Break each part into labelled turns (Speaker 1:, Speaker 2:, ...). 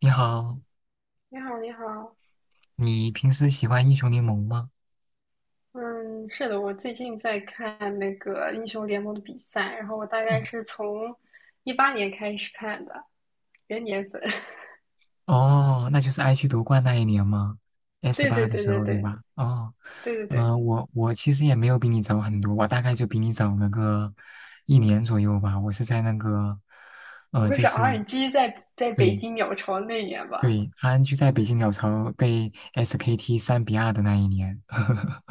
Speaker 1: 你好，
Speaker 2: 你好，你好。
Speaker 1: 你平时喜欢英雄联盟吗？
Speaker 2: 嗯，是的，我最近在看那个英雄联盟的比赛，然后我大
Speaker 1: 哦
Speaker 2: 概是从18年开始看的，元年粉。
Speaker 1: 哦，那就是 IG 夺冠那一年吗？S
Speaker 2: 对对
Speaker 1: 八的
Speaker 2: 对
Speaker 1: 时
Speaker 2: 对
Speaker 1: 候对
Speaker 2: 对
Speaker 1: 吧？哦，
Speaker 2: 对对对，
Speaker 1: 我其实也没有比你早很多，我大概就比你早了个一年左右吧。我是在那个，
Speaker 2: 我会
Speaker 1: 就
Speaker 2: 是
Speaker 1: 是
Speaker 2: RNG 在北
Speaker 1: 对
Speaker 2: 京鸟巢那年吧。
Speaker 1: 对 r n G 在北京鸟巢被 SKT 三比二的那一年。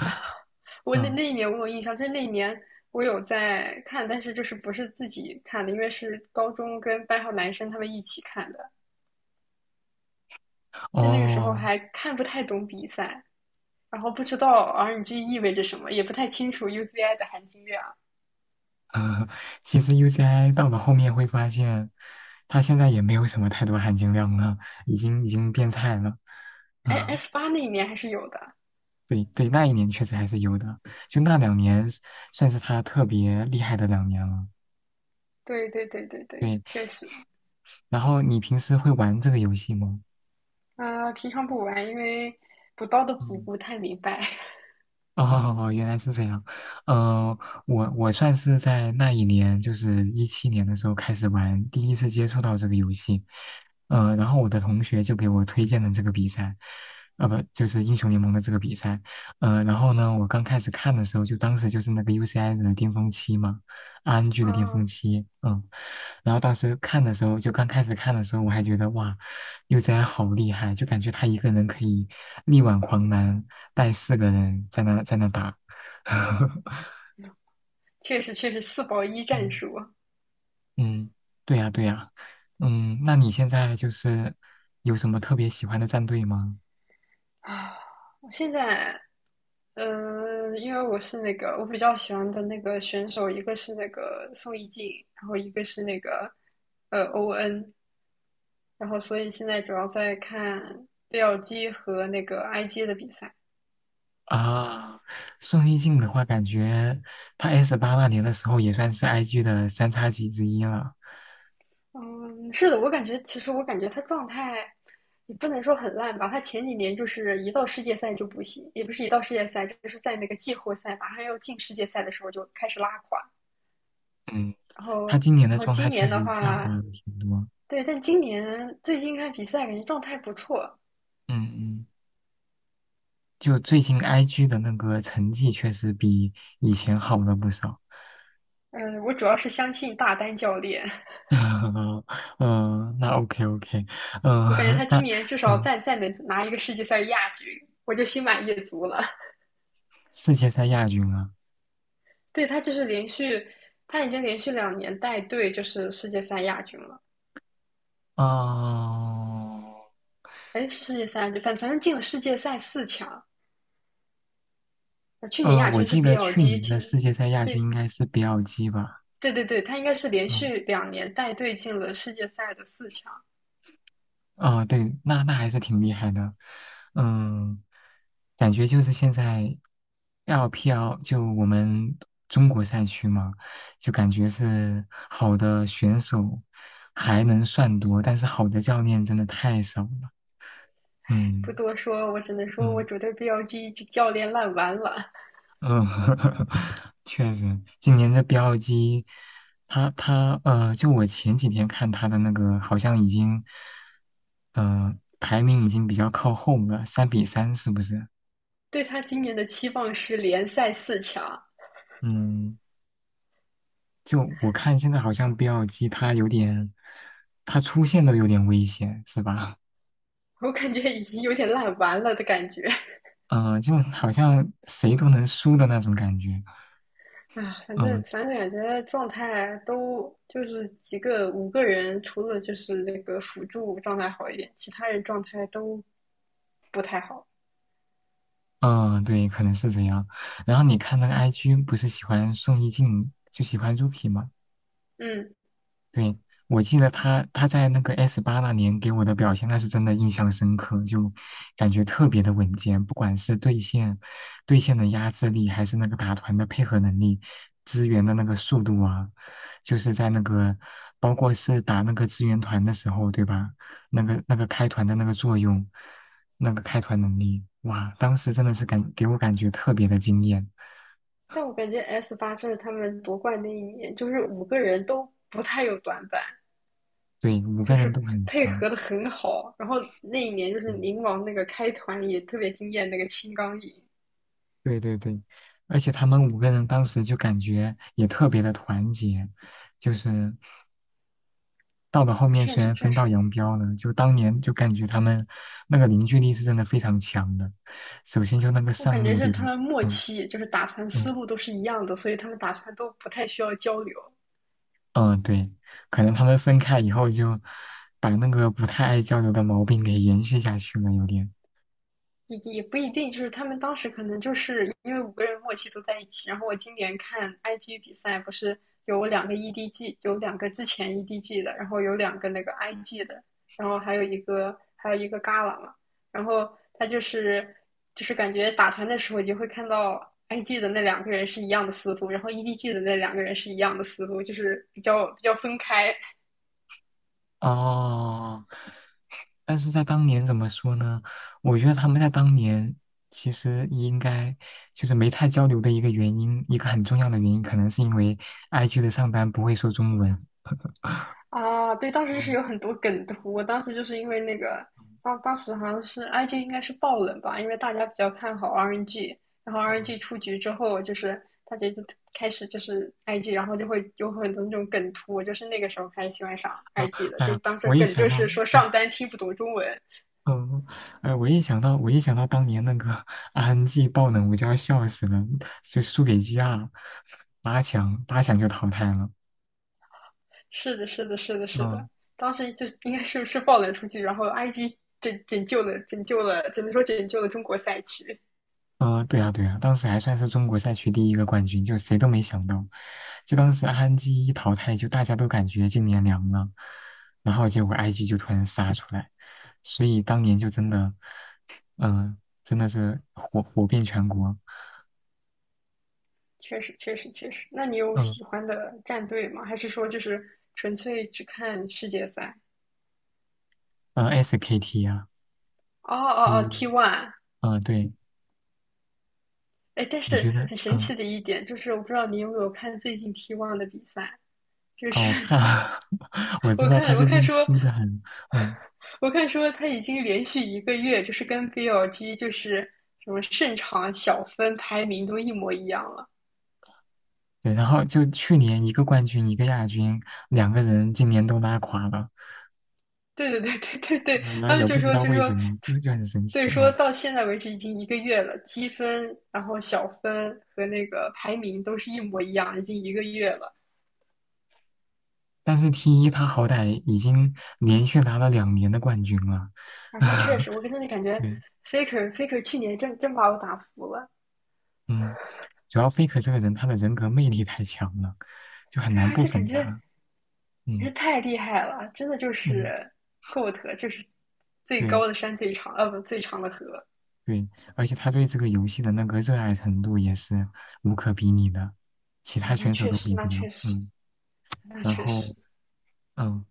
Speaker 2: 我那
Speaker 1: 嗯，
Speaker 2: 那一年我有印象，就是那一年我有在看，但是就是不是自己看的，因为是高中跟班上男生他们一起看的，就那个时候
Speaker 1: 哦，
Speaker 2: 还看不太懂比赛，然后不知道 RNG 意味着什么，也不太清楚 UZI 的含金量。
Speaker 1: 呃，其实 UCI 到了后面会发现，它现在也没有什么太多含金量了，已经变菜了。
Speaker 2: 哎
Speaker 1: 啊、
Speaker 2: ，S 八那一年还是有的。
Speaker 1: 对对，那一年确实还是有的，就那两年算是它特别厉害的两年了。
Speaker 2: 对对对对对，
Speaker 1: 对，
Speaker 2: 确实。
Speaker 1: 然后你平时会玩这个游戏吗？
Speaker 2: 啊、平常不玩，因为补刀的补
Speaker 1: 嗯
Speaker 2: 不太明白。
Speaker 1: 哦，原来是这样。呃，我算是在那一年，就是一七年的时候开始玩，第一次接触到这个游戏。然后我的同学就给我推荐了这个比赛，不，就是英雄联盟的这个比赛。然后呢，我刚开始看的时候，就当时就是那个 UCI 的巅峰期嘛，RNG 的巅峰
Speaker 2: 啊，
Speaker 1: 期，嗯。然后当时看的时候，就刚开始看的时候，我还觉得哇，UCI 好厉害，就感觉他一个人可以。力挽狂澜，带四个人在那打。
Speaker 2: 确实确实四保一战
Speaker 1: 嗯
Speaker 2: 术。
Speaker 1: 嗯，对呀对呀，嗯，那你现在就是有什么特别喜欢的战队吗？
Speaker 2: 啊，我现在，嗯，因为我是那个我比较喜欢的那个选手，一个是那个宋一静，然后一个是那个ON，然后所以现在主要在看 BLG 和那个 IG 的比赛。
Speaker 1: 啊，宋一静的话，感觉她 S 八那年的时候也算是 IG 的三叉戟之一了。
Speaker 2: 嗯，是的，我感觉其实我感觉他状态也不能说很烂吧，他前几年就是一到世界赛就不行，也不是一到世界赛，就是在那个季后赛马上要进世界赛的时候就开始拉垮，
Speaker 1: 嗯，
Speaker 2: 然后
Speaker 1: 她今年
Speaker 2: 然
Speaker 1: 的
Speaker 2: 后
Speaker 1: 状态
Speaker 2: 今
Speaker 1: 确
Speaker 2: 年的
Speaker 1: 实下滑
Speaker 2: 话，
Speaker 1: 了挺多。
Speaker 2: 对，但今年最近看比赛感觉状态不错。
Speaker 1: 嗯嗯，就最近 IG 的那个成绩确实比以前好了不少。
Speaker 2: 嗯，我主要是相信大丹教练。
Speaker 1: 嗯嗯，那 OK OK，
Speaker 2: 我感觉
Speaker 1: 嗯，
Speaker 2: 他
Speaker 1: 那
Speaker 2: 今年至少
Speaker 1: 嗯，
Speaker 2: 再能拿一个世界赛亚军，我就心满意足了。
Speaker 1: 世界赛亚军啊，
Speaker 2: 对，他已经连续两年带队就是世界赛亚军了。
Speaker 1: 哦，
Speaker 2: 哎，世界赛，反正进了世界赛四强。去年
Speaker 1: 嗯，
Speaker 2: 亚
Speaker 1: 我
Speaker 2: 军是
Speaker 1: 记得去
Speaker 2: BLG，
Speaker 1: 年
Speaker 2: 去
Speaker 1: 的
Speaker 2: 年，
Speaker 1: 世界赛亚军
Speaker 2: 对
Speaker 1: 应该是 BLG 吧，
Speaker 2: 对对对，他应该是连
Speaker 1: 嗯，
Speaker 2: 续两年带队进了世界赛的四强。
Speaker 1: 哦，对，那那还是挺厉害的，嗯，感觉就是现在 LPL 就我们中国赛区嘛，就感觉是好的选手还能算多，但是好的教练真的太少了，
Speaker 2: 不
Speaker 1: 嗯
Speaker 2: 多说，我只能说我
Speaker 1: 嗯。
Speaker 2: 觉得 BLG 这教练烂完了。
Speaker 1: 嗯，确实，今年的标机，他就我前几天看他的那个，好像已经，排名已经比较靠后了，三比三是不是？
Speaker 2: 对他今年的期望是联赛四强。
Speaker 1: 嗯，就我看现在好像 BLG 它有点，他出现都有点危险，是吧？
Speaker 2: 我感觉已经有点烂完了的感觉。
Speaker 1: 嗯、就好像谁都能输的那种感觉。
Speaker 2: 啊，反正
Speaker 1: 嗯
Speaker 2: 反正感觉状态都就是五个人，除了就是那个辅助状态好一点，其他人状态都不太好。
Speaker 1: 嗯，对，可能是这样。然后你看那个 IG 不是喜欢宋一静，就喜欢 Rookie 吗？
Speaker 2: 嗯。
Speaker 1: 对，我记得他在那个 S 八那年给我的表现，那是真的印象深刻，就感觉特别的稳健，不管是对线的压制力，还是那个打团的配合能力，支援的那个速度啊，就是在那个包括是打那个支援团的时候，对吧？那个开团的那个作用，那个开团能力，哇，当时真的是给我感觉特别的惊艳，
Speaker 2: 但我感觉 S 八这是他们夺冠那一年，就是五个人都不太有短板，
Speaker 1: 对，五
Speaker 2: 就
Speaker 1: 个人都
Speaker 2: 是
Speaker 1: 很
Speaker 2: 配
Speaker 1: 强。
Speaker 2: 合的很好。然后那一年就是
Speaker 1: 嗯
Speaker 2: 宁王那个开团也特别惊艳，那个青钢影，
Speaker 1: 对对对，而且他们五个人当时就感觉也特别的团结，就是到了后面
Speaker 2: 确
Speaker 1: 虽
Speaker 2: 实
Speaker 1: 然
Speaker 2: 确
Speaker 1: 分道
Speaker 2: 实。
Speaker 1: 扬镳了，就当年就感觉他们那个凝聚力是真的非常强的。首先就那个
Speaker 2: 我感
Speaker 1: 上
Speaker 2: 觉
Speaker 1: 路，
Speaker 2: 是
Speaker 1: 对
Speaker 2: 他
Speaker 1: 吧？
Speaker 2: 们默
Speaker 1: 嗯
Speaker 2: 契，就是打团思
Speaker 1: 嗯
Speaker 2: 路都是一样的，所以他们打团都不太需要交流。
Speaker 1: 嗯，对，可能他们分开以后就把那个不太爱交流的毛病给延续下去了，有点。
Speaker 2: 也不一定，就是他们当时可能就是因为五个人默契都在一起。然后我今年看 IG 比赛，不是有两个 EDG，有两个之前 EDG 的，然后有两个那个 IG 的，然后还有一个 Gala 嘛。然后他就是感觉打团的时候，你就会看到 IG 的那两个人是一样的思路，然后 EDG 的那两个人是一样的思路，就是比较分开。
Speaker 1: 哦但是在当年怎么说呢？我觉得他们在当年其实应该就是没太交流的一个原因，一个很重要的原因，可能是因为 IG 的上单不会说中文。
Speaker 2: 啊，对，当时是
Speaker 1: 嗯
Speaker 2: 有很多梗图，我当时就是因为那个，当时好像是 IG 应该是爆冷吧，因为大家比较看好 RNG，然后
Speaker 1: 嗯
Speaker 2: RNG 出局之后，就是大家就开始就是 IG，然后就会有很多那种梗图，我就是那个时候开始喜欢上
Speaker 1: 嗯，
Speaker 2: IG 的，
Speaker 1: 哎
Speaker 2: 就
Speaker 1: 呀，
Speaker 2: 当时
Speaker 1: 我一
Speaker 2: 梗
Speaker 1: 想
Speaker 2: 就是
Speaker 1: 到，
Speaker 2: 说
Speaker 1: 嗯
Speaker 2: 上单听不懂中文。
Speaker 1: 嗯，哎，我一想到，我一想到当年那个 RNG 爆冷，我就要笑死了，就输给 GR，八强就淘汰了。
Speaker 2: 是的，是的，是的，是
Speaker 1: 嗯。
Speaker 2: 的，当时就应该是爆冷出局，然后 IG 拯救了，只能说拯救了中国赛区。
Speaker 1: 嗯，对呀，对呀，当时还算是中国赛区第一个冠军，就谁都没想到，就当时安基一淘汰，就大家都感觉今年凉了，然后结果 IG 就突然杀出来，所以当年就真的，嗯、真的是火遍全国，
Speaker 2: 确实，确实，确实。那你有
Speaker 1: 嗯、
Speaker 2: 喜欢的战队吗？还是说就是纯粹只看世界赛？
Speaker 1: 嗯 s k t 啊，
Speaker 2: 哦哦哦
Speaker 1: 一，
Speaker 2: ，T one。
Speaker 1: 对，
Speaker 2: 哎，但
Speaker 1: 我觉
Speaker 2: 是
Speaker 1: 得，
Speaker 2: 很神奇的一点就是，我不知道你有没有看最近 T one 的比赛，就
Speaker 1: 哦，
Speaker 2: 是。
Speaker 1: 我看，我 知
Speaker 2: 我
Speaker 1: 道他
Speaker 2: 看我
Speaker 1: 最
Speaker 2: 看
Speaker 1: 近
Speaker 2: 说，
Speaker 1: 输的很，嗯，
Speaker 2: 我看说他已经连续一个月就是跟 BLG 就是什么胜场小分排名都一模一样了。
Speaker 1: 对，然后就去年一个冠军一个亚军，两个人今年都拉垮了。
Speaker 2: 对对对对对对，
Speaker 1: 啊，
Speaker 2: 他
Speaker 1: 也
Speaker 2: 们
Speaker 1: 不
Speaker 2: 就
Speaker 1: 知
Speaker 2: 说
Speaker 1: 道
Speaker 2: 就
Speaker 1: 为什
Speaker 2: 说，
Speaker 1: 么，就很神奇
Speaker 2: 对，说
Speaker 1: 啊。
Speaker 2: 到现在为止已经一个月了，积分，然后小分和那个排名都是一模一样，已经一个月了。
Speaker 1: 但是 T 一他好歹已经连续拿了两年的冠军了，
Speaker 2: 啊，那确实，我跟他的感觉
Speaker 1: 对，
Speaker 2: ，Faker 去年真把我打服了。
Speaker 1: 嗯，主要 Faker 这个人他的人格魅力太强了，就很
Speaker 2: 对啊，
Speaker 1: 难
Speaker 2: 而
Speaker 1: 不
Speaker 2: 且感
Speaker 1: 粉
Speaker 2: 觉
Speaker 1: 他，
Speaker 2: 也
Speaker 1: 嗯
Speaker 2: 太厉害了，真的就
Speaker 1: 嗯，
Speaker 2: 是 GOAT，就是最
Speaker 1: 对
Speaker 2: 高的山最长，不，最长的河。
Speaker 1: 对，而且他对这个游戏的那个热爱程度也是无可比拟的，其
Speaker 2: 啊，
Speaker 1: 他
Speaker 2: 那
Speaker 1: 选手
Speaker 2: 确
Speaker 1: 都比
Speaker 2: 实，
Speaker 1: 不
Speaker 2: 那
Speaker 1: 了，
Speaker 2: 确实，那
Speaker 1: 然
Speaker 2: 确实。
Speaker 1: 后嗯，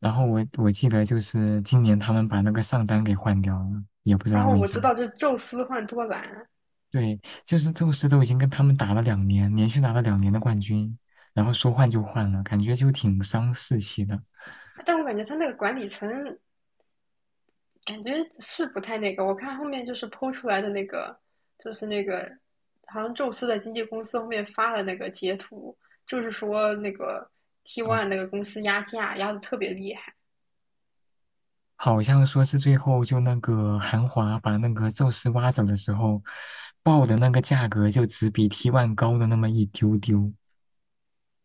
Speaker 1: 然后我记得就是今年他们把那个上单给换掉了，也不知
Speaker 2: 然
Speaker 1: 道
Speaker 2: 后
Speaker 1: 为
Speaker 2: 我知
Speaker 1: 啥。
Speaker 2: 道这宙斯换多兰。
Speaker 1: 对，就是宙斯都已经跟他们打了两年，连续拿了两年的冠军，然后说换就换了，感觉就挺伤士气的
Speaker 2: 但我感觉他那个管理层感觉是不太那个。我看后面就是剖出来的那个，就是那个好像宙斯的经纪公司后面发了那个截图，就是说那个 T
Speaker 1: 啊。
Speaker 2: One 那个公司压价压的特别厉害。
Speaker 1: 好像说是最后就那个韩华把那个宙斯挖走的时候，报的那个价格就只比 t One 高的那么一丢丢。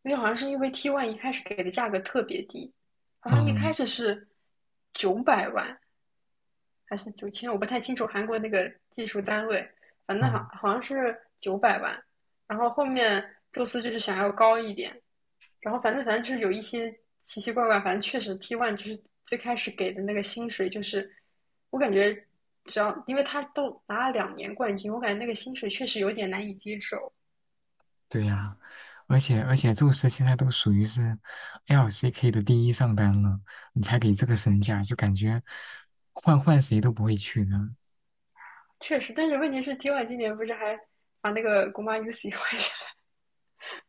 Speaker 2: 因为好像是因为 T One 一开始给的价格特别低，好像一开
Speaker 1: 嗯
Speaker 2: 始是九百万还是9000，我不太清楚韩国那个技术单位，反正好
Speaker 1: 嗯，
Speaker 2: 好像是九百万。然后后面宙斯就是想要高一点。然后反正就是有一些奇奇怪怪，反正确实 T one 就是最开始给的那个薪水，就是我感觉只要因为他都拿了两年冠军，我感觉那个薪水确实有点难以接受。
Speaker 1: 对呀、而且宙斯现在都属于是 LCK 的第一上单了，你才给这个身价，就感觉换换谁都不会去的。
Speaker 2: 确实，但是问题是 T one 今年不是还把那个国妈 UC 换下来，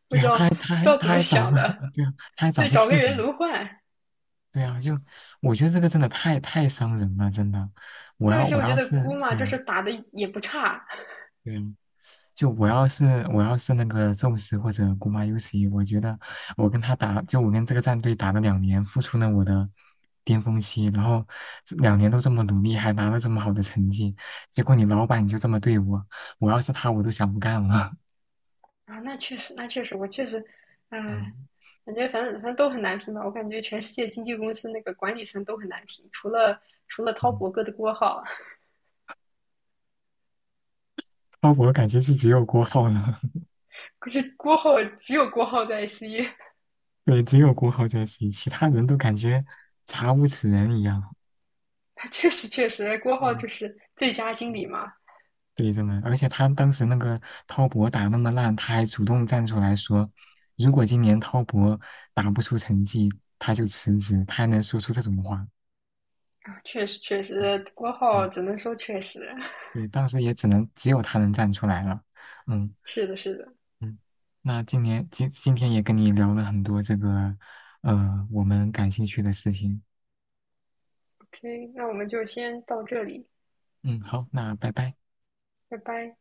Speaker 2: 不
Speaker 1: 对
Speaker 2: 知
Speaker 1: 啊，
Speaker 2: 道
Speaker 1: 他还他
Speaker 2: 不知
Speaker 1: 还
Speaker 2: 道
Speaker 1: 他
Speaker 2: 怎么
Speaker 1: 还找
Speaker 2: 想
Speaker 1: 个
Speaker 2: 的，
Speaker 1: 对啊，他还找
Speaker 2: 对，
Speaker 1: 个
Speaker 2: 找个
Speaker 1: 替补，
Speaker 2: 人轮换。
Speaker 1: 对啊，就我觉得这个真的太伤人了，真的。我
Speaker 2: 对，而
Speaker 1: 要
Speaker 2: 且
Speaker 1: 我
Speaker 2: 我觉
Speaker 1: 要
Speaker 2: 得
Speaker 1: 是
Speaker 2: 姑妈
Speaker 1: 对
Speaker 2: 就是
Speaker 1: 啊
Speaker 2: 打的也不差。
Speaker 1: 对啊，就我要是那个宙斯或者古马尤奇，我觉得我跟他打，就我跟这个战队打了两年，付出了我的巅峰期，然后这两年都这么努力，还拿了这么好的成绩，结果你老板就这么对我，我要是他，我都想不干了。
Speaker 2: 啊，那确实，那确实，我确实，唉，
Speaker 1: 嗯
Speaker 2: 感觉反正都很难评吧。我感觉全世界经纪公司那个管理层都很难评，除了滔
Speaker 1: 嗯，
Speaker 2: 博哥的郭浩。
Speaker 1: 鲍勃我感觉是只有郭浩了。
Speaker 2: 可是只有郭浩在 I C，
Speaker 1: 对，只有郭浩在行，其他人都感觉查无此人一样。
Speaker 2: 他 确实确实郭浩
Speaker 1: 嗯，
Speaker 2: 就是最佳经理
Speaker 1: 嗯
Speaker 2: 嘛。
Speaker 1: 对，真的，而且他当时那个滔博打那么烂，他还主动站出来说，如果今年滔博打不出成绩，他就辞职，他还能说出这种话。
Speaker 2: 确实确
Speaker 1: 嗯
Speaker 2: 实郭浩
Speaker 1: 对，
Speaker 2: 只能说确实。
Speaker 1: 对，当时也只能只有他能站出来了。嗯
Speaker 2: 是的是的。
Speaker 1: 嗯，那今年今天也跟你聊了很多这个，我们感兴趣的事情。
Speaker 2: OK，那我们就先到这里，
Speaker 1: 嗯，好，那拜拜。
Speaker 2: 拜拜。